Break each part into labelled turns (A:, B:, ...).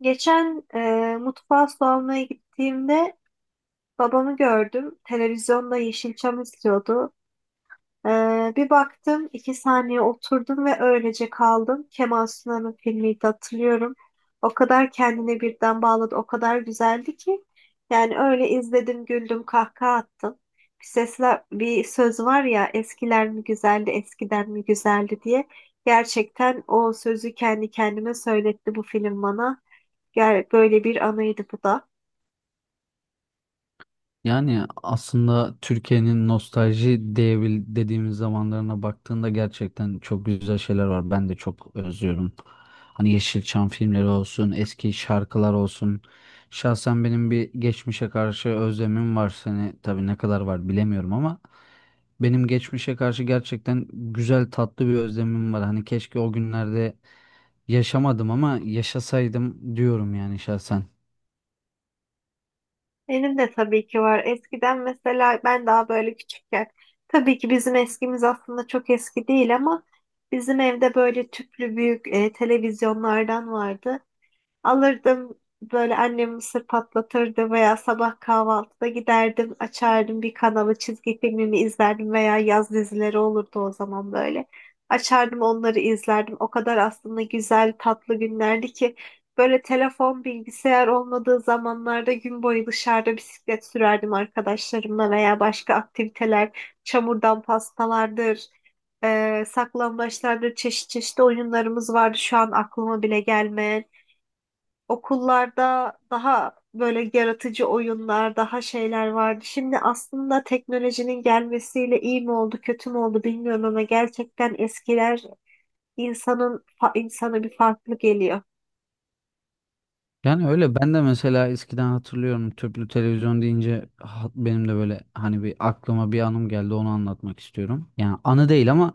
A: Geçen mutfağa su almaya gittiğimde babamı gördüm. Televizyonda Yeşilçam izliyordu. Bir baktım, iki saniye oturdum ve öylece kaldım. Kemal Sunal'ın filmiydi, hatırlıyorum. O kadar kendine birden bağladı, o kadar güzeldi ki. Yani öyle izledim, güldüm, kahkaha attım. Bir sesler, bir söz var ya, eskiler mi güzeldi, eskiden mi güzeldi diye. Gerçekten o sözü kendi kendime söyletti bu film bana. Gel böyle bir anıydı bu da.
B: Yani aslında Türkiye'nin nostalji diyebil dediğimiz zamanlarına baktığında gerçekten çok güzel şeyler var. Ben de çok özlüyorum. Hani Yeşilçam filmleri olsun, eski şarkılar olsun. Şahsen benim bir geçmişe karşı özlemim var. Seni tabii ne kadar var bilemiyorum ama benim geçmişe karşı gerçekten güzel tatlı bir özlemim var. Hani keşke o günlerde yaşamadım ama yaşasaydım diyorum yani şahsen.
A: Benim de tabii ki var. Eskiden mesela ben daha böyle küçükken tabii ki bizim eskimiz aslında çok eski değil ama bizim evde böyle tüplü büyük televizyonlardan vardı. Alırdım böyle, annem mısır patlatırdı veya sabah kahvaltıda giderdim, açardım bir kanalı, çizgi filmimi izlerdim veya yaz dizileri olurdu o zaman böyle. Açardım onları izlerdim. O kadar aslında güzel tatlı günlerdi ki böyle telefon, bilgisayar olmadığı zamanlarda gün boyu dışarıda bisiklet sürerdim arkadaşlarımla veya başka aktiviteler, çamurdan pastalardır. Saklambaçlardır, çeşit çeşit oyunlarımız vardı şu an aklıma bile gelmeyen. Okullarda daha böyle yaratıcı oyunlar, daha şeyler vardı. Şimdi aslında teknolojinin gelmesiyle iyi mi oldu, kötü mü oldu bilmiyorum ama gerçekten eskiler insanın insana bir farklı geliyor.
B: Yani öyle ben de mesela eskiden hatırlıyorum tüplü televizyon deyince benim de böyle hani bir aklıma bir anım geldi onu anlatmak istiyorum. Yani anı değil ama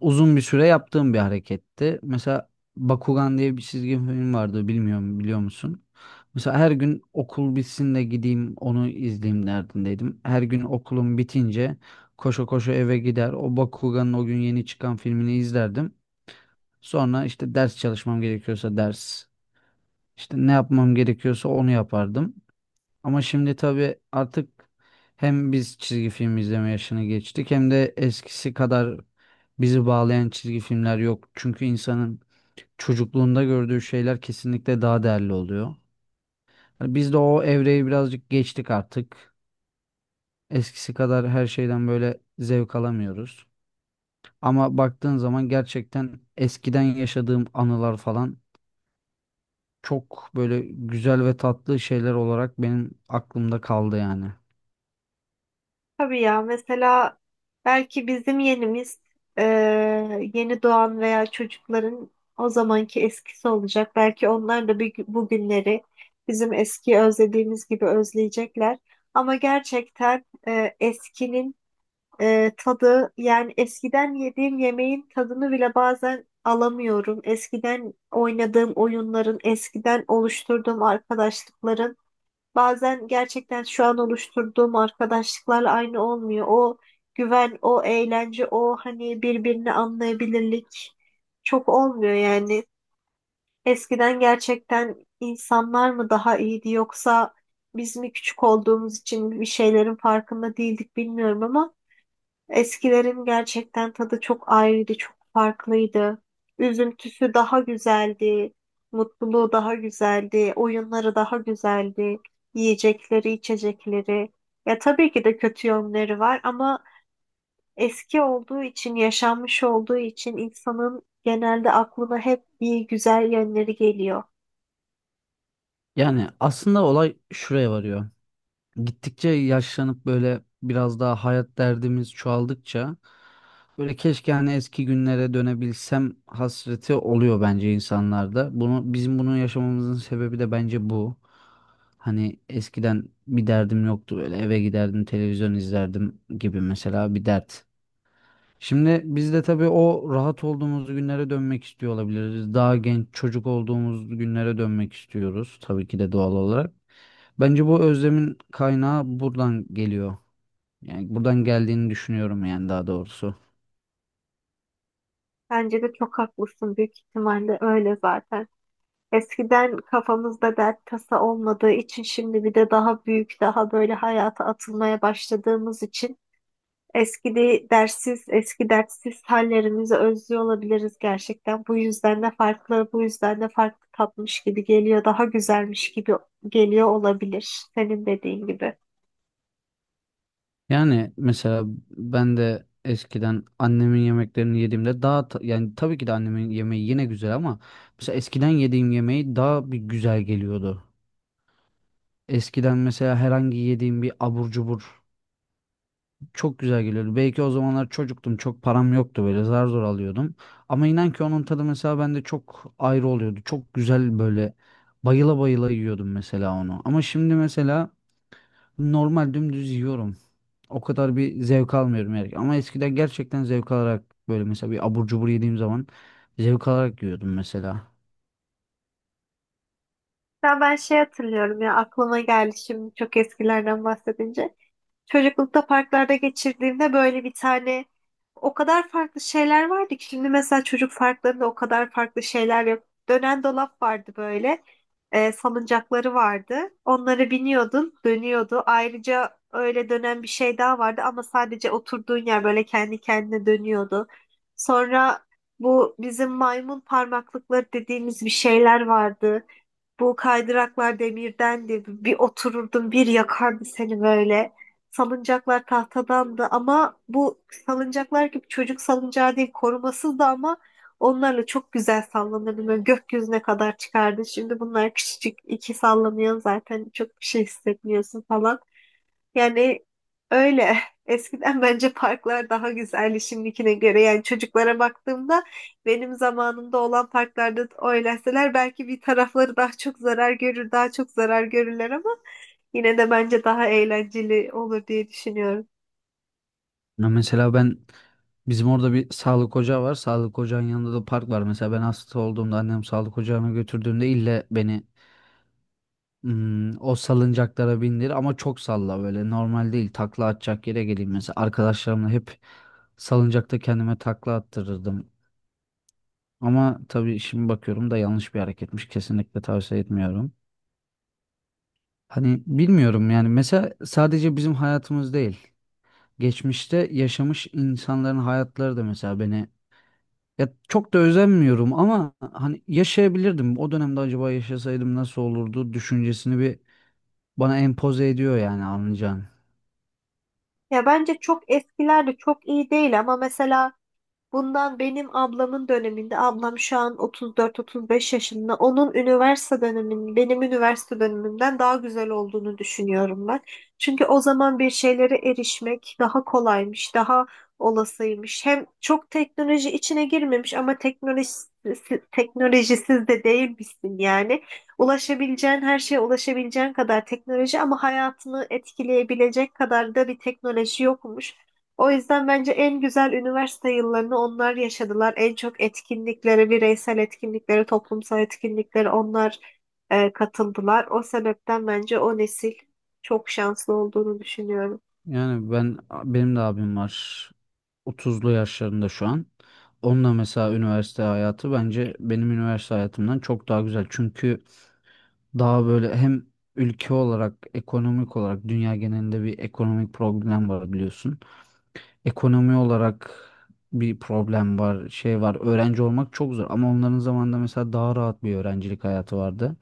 B: uzun bir süre yaptığım bir hareketti. Mesela Bakugan diye bir çizgi film vardı, bilmiyorum, biliyor musun? Mesela her gün okul bitsin de gideyim onu izleyeyim derdindeydim. Her gün okulum bitince koşa koşa eve gider o Bakugan'ın o gün yeni çıkan filmini izlerdim. Sonra işte ders çalışmam gerekiyorsa ders, işte ne yapmam gerekiyorsa onu yapardım. Ama şimdi tabii artık hem biz çizgi film izleme yaşını geçtik hem de eskisi kadar bizi bağlayan çizgi filmler yok. Çünkü insanın çocukluğunda gördüğü şeyler kesinlikle daha değerli oluyor. Yani biz de o evreyi birazcık geçtik artık. Eskisi kadar her şeyden böyle zevk alamıyoruz. Ama baktığın zaman gerçekten eskiden yaşadığım anılar falan çok böyle güzel ve tatlı şeyler olarak benim aklımda kaldı yani.
A: Tabii ya, mesela belki bizim yenimiz, e, yeni doğan veya çocukların o zamanki eskisi olacak. Belki onlar da bir, bu günleri bizim eski özlediğimiz gibi özleyecekler. Ama gerçekten eskinin tadı, yani eskiden yediğim yemeğin tadını bile bazen alamıyorum. Eskiden oynadığım oyunların, eskiden oluşturduğum arkadaşlıkların, bazen gerçekten şu an oluşturduğum arkadaşlıklarla aynı olmuyor. O güven, o eğlence, o hani birbirini anlayabilirlik çok olmuyor yani. Eskiden gerçekten insanlar mı daha iyiydi yoksa biz mi küçük olduğumuz için bir şeylerin farkında değildik bilmiyorum ama eskilerin gerçekten tadı çok ayrıydı, çok farklıydı. Üzüntüsü daha güzeldi, mutluluğu daha güzeldi, oyunları daha güzeldi, yiyecekleri, içecekleri. Ya tabii ki de kötü yönleri var ama eski olduğu için, yaşanmış olduğu için insanın genelde aklına hep iyi, güzel yönleri geliyor.
B: Yani aslında olay şuraya varıyor. Gittikçe yaşlanıp böyle biraz daha hayat derdimiz çoğaldıkça böyle keşke hani eski günlere dönebilsem hasreti oluyor bence insanlarda. Bunu bizim yaşamamızın sebebi de bence bu. Hani eskiden bir derdim yoktu, böyle eve giderdim televizyon izlerdim gibi mesela bir dert. Şimdi biz de tabii o rahat olduğumuz günlere dönmek istiyor olabiliriz. Daha genç çocuk olduğumuz günlere dönmek istiyoruz tabii ki de doğal olarak. Bence bu özlemin kaynağı buradan geliyor. Yani buradan geldiğini düşünüyorum, yani daha doğrusu.
A: Bence de çok haklısın, büyük ihtimalle öyle zaten. Eskiden kafamızda dert tasa olmadığı için, şimdi bir de daha büyük, daha böyle hayata atılmaya başladığımız için dersiz, eski dertsiz hallerimizi özlüyor olabiliriz gerçekten. Bu yüzden de farklı, bu yüzden de farklı tatmış gibi geliyor, daha güzelmiş gibi geliyor olabilir senin dediğin gibi.
B: Yani mesela ben de eskiden annemin yemeklerini yediğimde daha yani tabii ki de annemin yemeği yine güzel ama mesela eskiden yediğim yemeği daha bir güzel geliyordu. Eskiden mesela herhangi yediğim bir abur cubur çok güzel geliyordu. Belki o zamanlar çocuktum. Çok param yoktu, böyle zar zor alıyordum. Ama inan ki onun tadı mesela bende çok ayrı oluyordu. Çok güzel böyle bayıla bayıla yiyordum mesela onu. Ama şimdi mesela normal dümdüz yiyorum. O kadar bir zevk almıyorum yani. Ama eskiden gerçekten zevk alarak böyle mesela bir abur cubur yediğim zaman zevk alarak yiyordum mesela.
A: Ya ben şey hatırlıyorum ya, aklıma geldi şimdi çok eskilerden bahsedince. Çocuklukta parklarda geçirdiğimde böyle bir tane, o kadar farklı şeyler vardı ki şimdi mesela çocuk parklarında o kadar farklı şeyler yok. Dönen dolap vardı böyle. Salıncakları vardı. Onları biniyordun, dönüyordu. Ayrıca öyle dönen bir şey daha vardı ama sadece oturduğun yer böyle kendi kendine dönüyordu. Sonra bu bizim maymun parmaklıkları dediğimiz bir şeyler vardı. Bu kaydıraklar demirdendi. Bir otururdun, bir yakardı seni böyle. Salıncaklar tahtadandı ama bu salıncaklar gibi çocuk salıncağı değil, korumasız da ama onlarla çok güzel sallanırdım. Böyle gökyüzüne kadar çıkardı. Şimdi bunlar küçücük iki sallanıyor zaten, çok bir şey hissetmiyorsun falan. Yani öyle. Eskiden bence parklar daha güzeldi şimdikine göre. Yani çocuklara baktığımda benim zamanımda olan parklarda oynasalar belki bir tarafları daha çok zarar görür, daha çok zarar görürler ama yine de bence daha eğlenceli olur diye düşünüyorum.
B: Ya mesela ben bizim orada bir sağlık ocağı var. Sağlık ocağının yanında da park var. Mesela ben hasta olduğumda annem sağlık ocağına götürdüğümde ille beni hmm, o salıncaklara bindir ama çok salla, böyle normal değil, takla atacak yere geleyim, mesela arkadaşlarımla hep salıncakta kendime takla attırırdım ama tabii şimdi bakıyorum da yanlış bir hareketmiş, kesinlikle tavsiye etmiyorum. Hani bilmiyorum yani, mesela sadece bizim hayatımız değil, geçmişte yaşamış insanların hayatları da mesela beni, ya çok da özenmiyorum ama hani yaşayabilirdim o dönemde, acaba yaşasaydım nasıl olurdu düşüncesini bir bana empoze ediyor yani, anlayacağın.
A: Ya bence çok eskiler de çok iyi değil ama mesela bundan benim ablamın döneminde, ablam şu an 34-35 yaşında. Onun üniversite döneminin, benim üniversite dönemimden daha güzel olduğunu düşünüyorum ben. Çünkü o zaman bir şeylere erişmek daha kolaymış, daha olasıymış. Hem çok teknoloji içine girmemiş ama teknolojisiz de değilmişsin yani. Ulaşabileceğin her şeye ulaşabileceğin kadar teknoloji ama hayatını etkileyebilecek kadar da bir teknoloji yokmuş. O yüzden bence en güzel üniversite yıllarını onlar yaşadılar. En çok etkinliklere, bireysel etkinliklere, toplumsal etkinliklere onlar katıldılar. O sebepten bence o nesil çok şanslı olduğunu düşünüyorum.
B: Yani, benim de abim var. 30'lu yaşlarında şu an. Onunla mesela üniversite hayatı bence benim üniversite hayatımdan çok daha güzel. Çünkü daha böyle hem ülke olarak, ekonomik olarak dünya genelinde bir ekonomik problem var biliyorsun. Ekonomi olarak bir problem var, şey var. Öğrenci olmak çok zor ama onların zamanında mesela daha rahat bir öğrencilik hayatı vardı.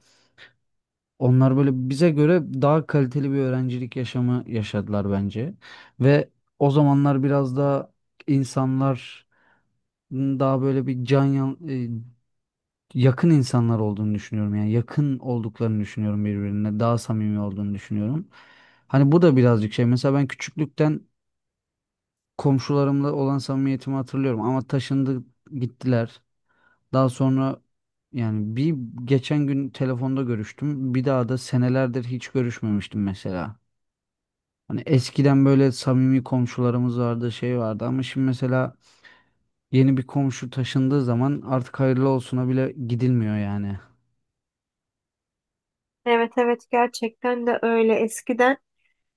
B: Onlar böyle bize göre daha kaliteli bir öğrencilik yaşamı yaşadılar bence. Ve o zamanlar biraz daha insanlar daha böyle bir yakın insanlar olduğunu düşünüyorum. Yani yakın olduklarını düşünüyorum birbirine. Daha samimi olduğunu düşünüyorum. Hani bu da birazcık şey. Mesela ben küçüklükten komşularımla olan samimiyetimi hatırlıyorum ama taşındı, gittiler. Daha sonra yani bir geçen gün telefonda görüştüm. Bir daha da senelerdir hiç görüşmemiştim mesela. Hani eskiden böyle samimi komşularımız vardı, şey vardı, ama şimdi mesela yeni bir komşu taşındığı zaman artık hayırlı olsuna bile gidilmiyor yani.
A: Evet, evet, gerçekten de öyle. Eskiden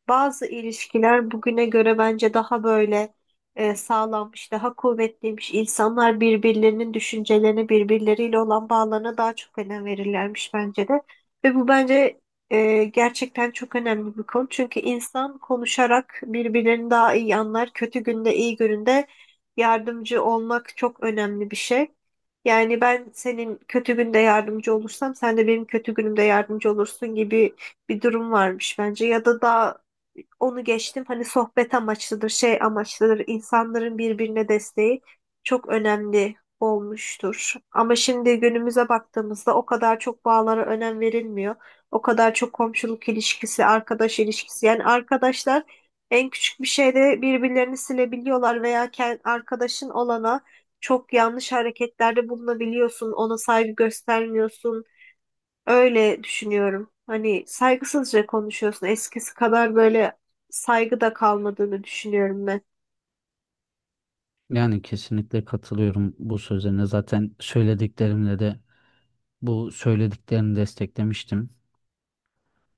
A: bazı ilişkiler bugüne göre bence daha böyle sağlammış, daha kuvvetliymiş. İnsanlar birbirlerinin düşüncelerini, birbirleriyle olan bağlarına daha çok önem verirlermiş bence de. Ve bu bence gerçekten çok önemli bir konu. Çünkü insan konuşarak birbirlerini daha iyi anlar. Kötü günde, iyi gününde yardımcı olmak çok önemli bir şey. Yani ben senin kötü günde yardımcı olursam sen de benim kötü günümde yardımcı olursun gibi bir durum varmış bence, ya da daha onu geçtim, hani sohbet amaçlıdır, şey amaçlıdır. İnsanların birbirine desteği çok önemli olmuştur. Ama şimdi günümüze baktığımızda o kadar çok bağlara önem verilmiyor. O kadar çok komşuluk ilişkisi, arkadaş ilişkisi. Yani arkadaşlar en küçük bir şeyde birbirlerini silebiliyorlar veya arkadaşın olana çok yanlış hareketlerde bulunabiliyorsun. Ona saygı göstermiyorsun. Öyle düşünüyorum. Hani saygısızca konuşuyorsun. Eskisi kadar böyle saygı da kalmadığını düşünüyorum ben.
B: Yani kesinlikle katılıyorum bu sözlerine. Zaten söylediklerimle de bu söylediklerini desteklemiştim.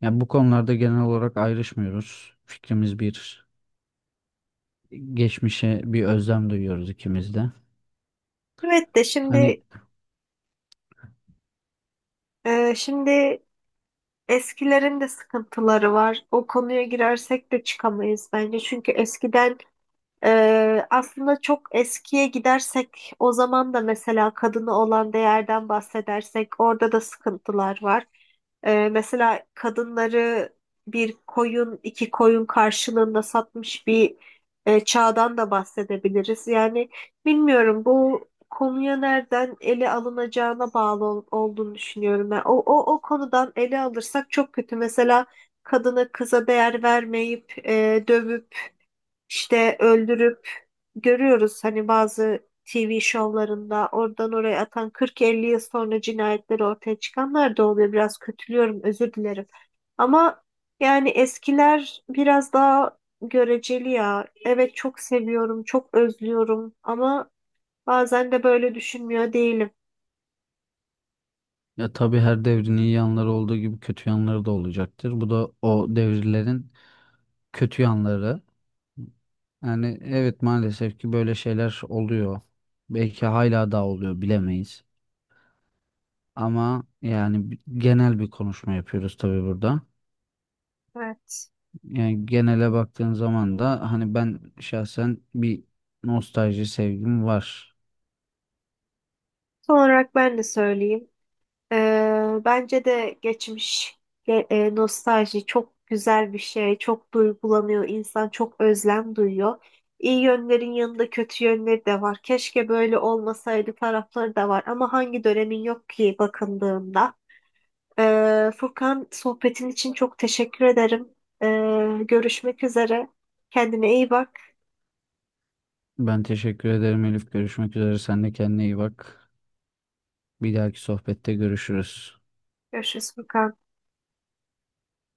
B: Yani bu konularda genel olarak ayrışmıyoruz. Fikrimiz bir. Geçmişe bir özlem duyuyoruz ikimiz de.
A: Evet de
B: Hani
A: şimdi, şimdi eskilerin de sıkıntıları var. O konuya girersek de çıkamayız bence. Çünkü eskiden, aslında çok eskiye gidersek o zaman da mesela kadına olan değerden bahsedersek orada da sıkıntılar var. Mesela kadınları bir koyun, iki koyun karşılığında satmış bir çağdan da bahsedebiliriz. Yani bilmiyorum, bu konuya nereden ele alınacağına bağlı olduğunu düşünüyorum. Ben o konudan ele alırsak çok kötü. Mesela kadına kıza değer vermeyip dövüp işte öldürüp, görüyoruz hani bazı TV şovlarında oradan oraya atan, 40-50 yıl sonra cinayetleri ortaya çıkanlar da oluyor. Biraz kötülüyorum, özür dilerim. Ama yani eskiler biraz daha göreceli ya. Evet çok seviyorum, çok özlüyorum ama bazen de böyle düşünmüyor değilim.
B: ya, tabii her devrin iyi yanları olduğu gibi kötü yanları da olacaktır. Bu da o devirlerin kötü yanları. Yani evet, maalesef ki böyle şeyler oluyor. Belki hala da oluyor bilemeyiz. Ama yani genel bir konuşma yapıyoruz tabii burada.
A: Evet.
B: Yani genele baktığın zaman da hani ben şahsen bir nostalji sevgim var.
A: Son olarak ben de söyleyeyim. Bence de geçmiş, nostalji çok güzel bir şey. Çok duygulanıyor, insan çok özlem duyuyor. İyi yönlerin yanında kötü yönleri de var. Keşke böyle olmasaydı tarafları da var. Ama hangi dönemin yok ki bakıldığında. Furkan, sohbetin için çok teşekkür ederim. Görüşmek üzere. Kendine iyi bak.
B: Ben teşekkür ederim Elif. Görüşmek üzere. Sen de kendine iyi bak. Bir dahaki sohbette görüşürüz.
A: Görüşürüz Furkan.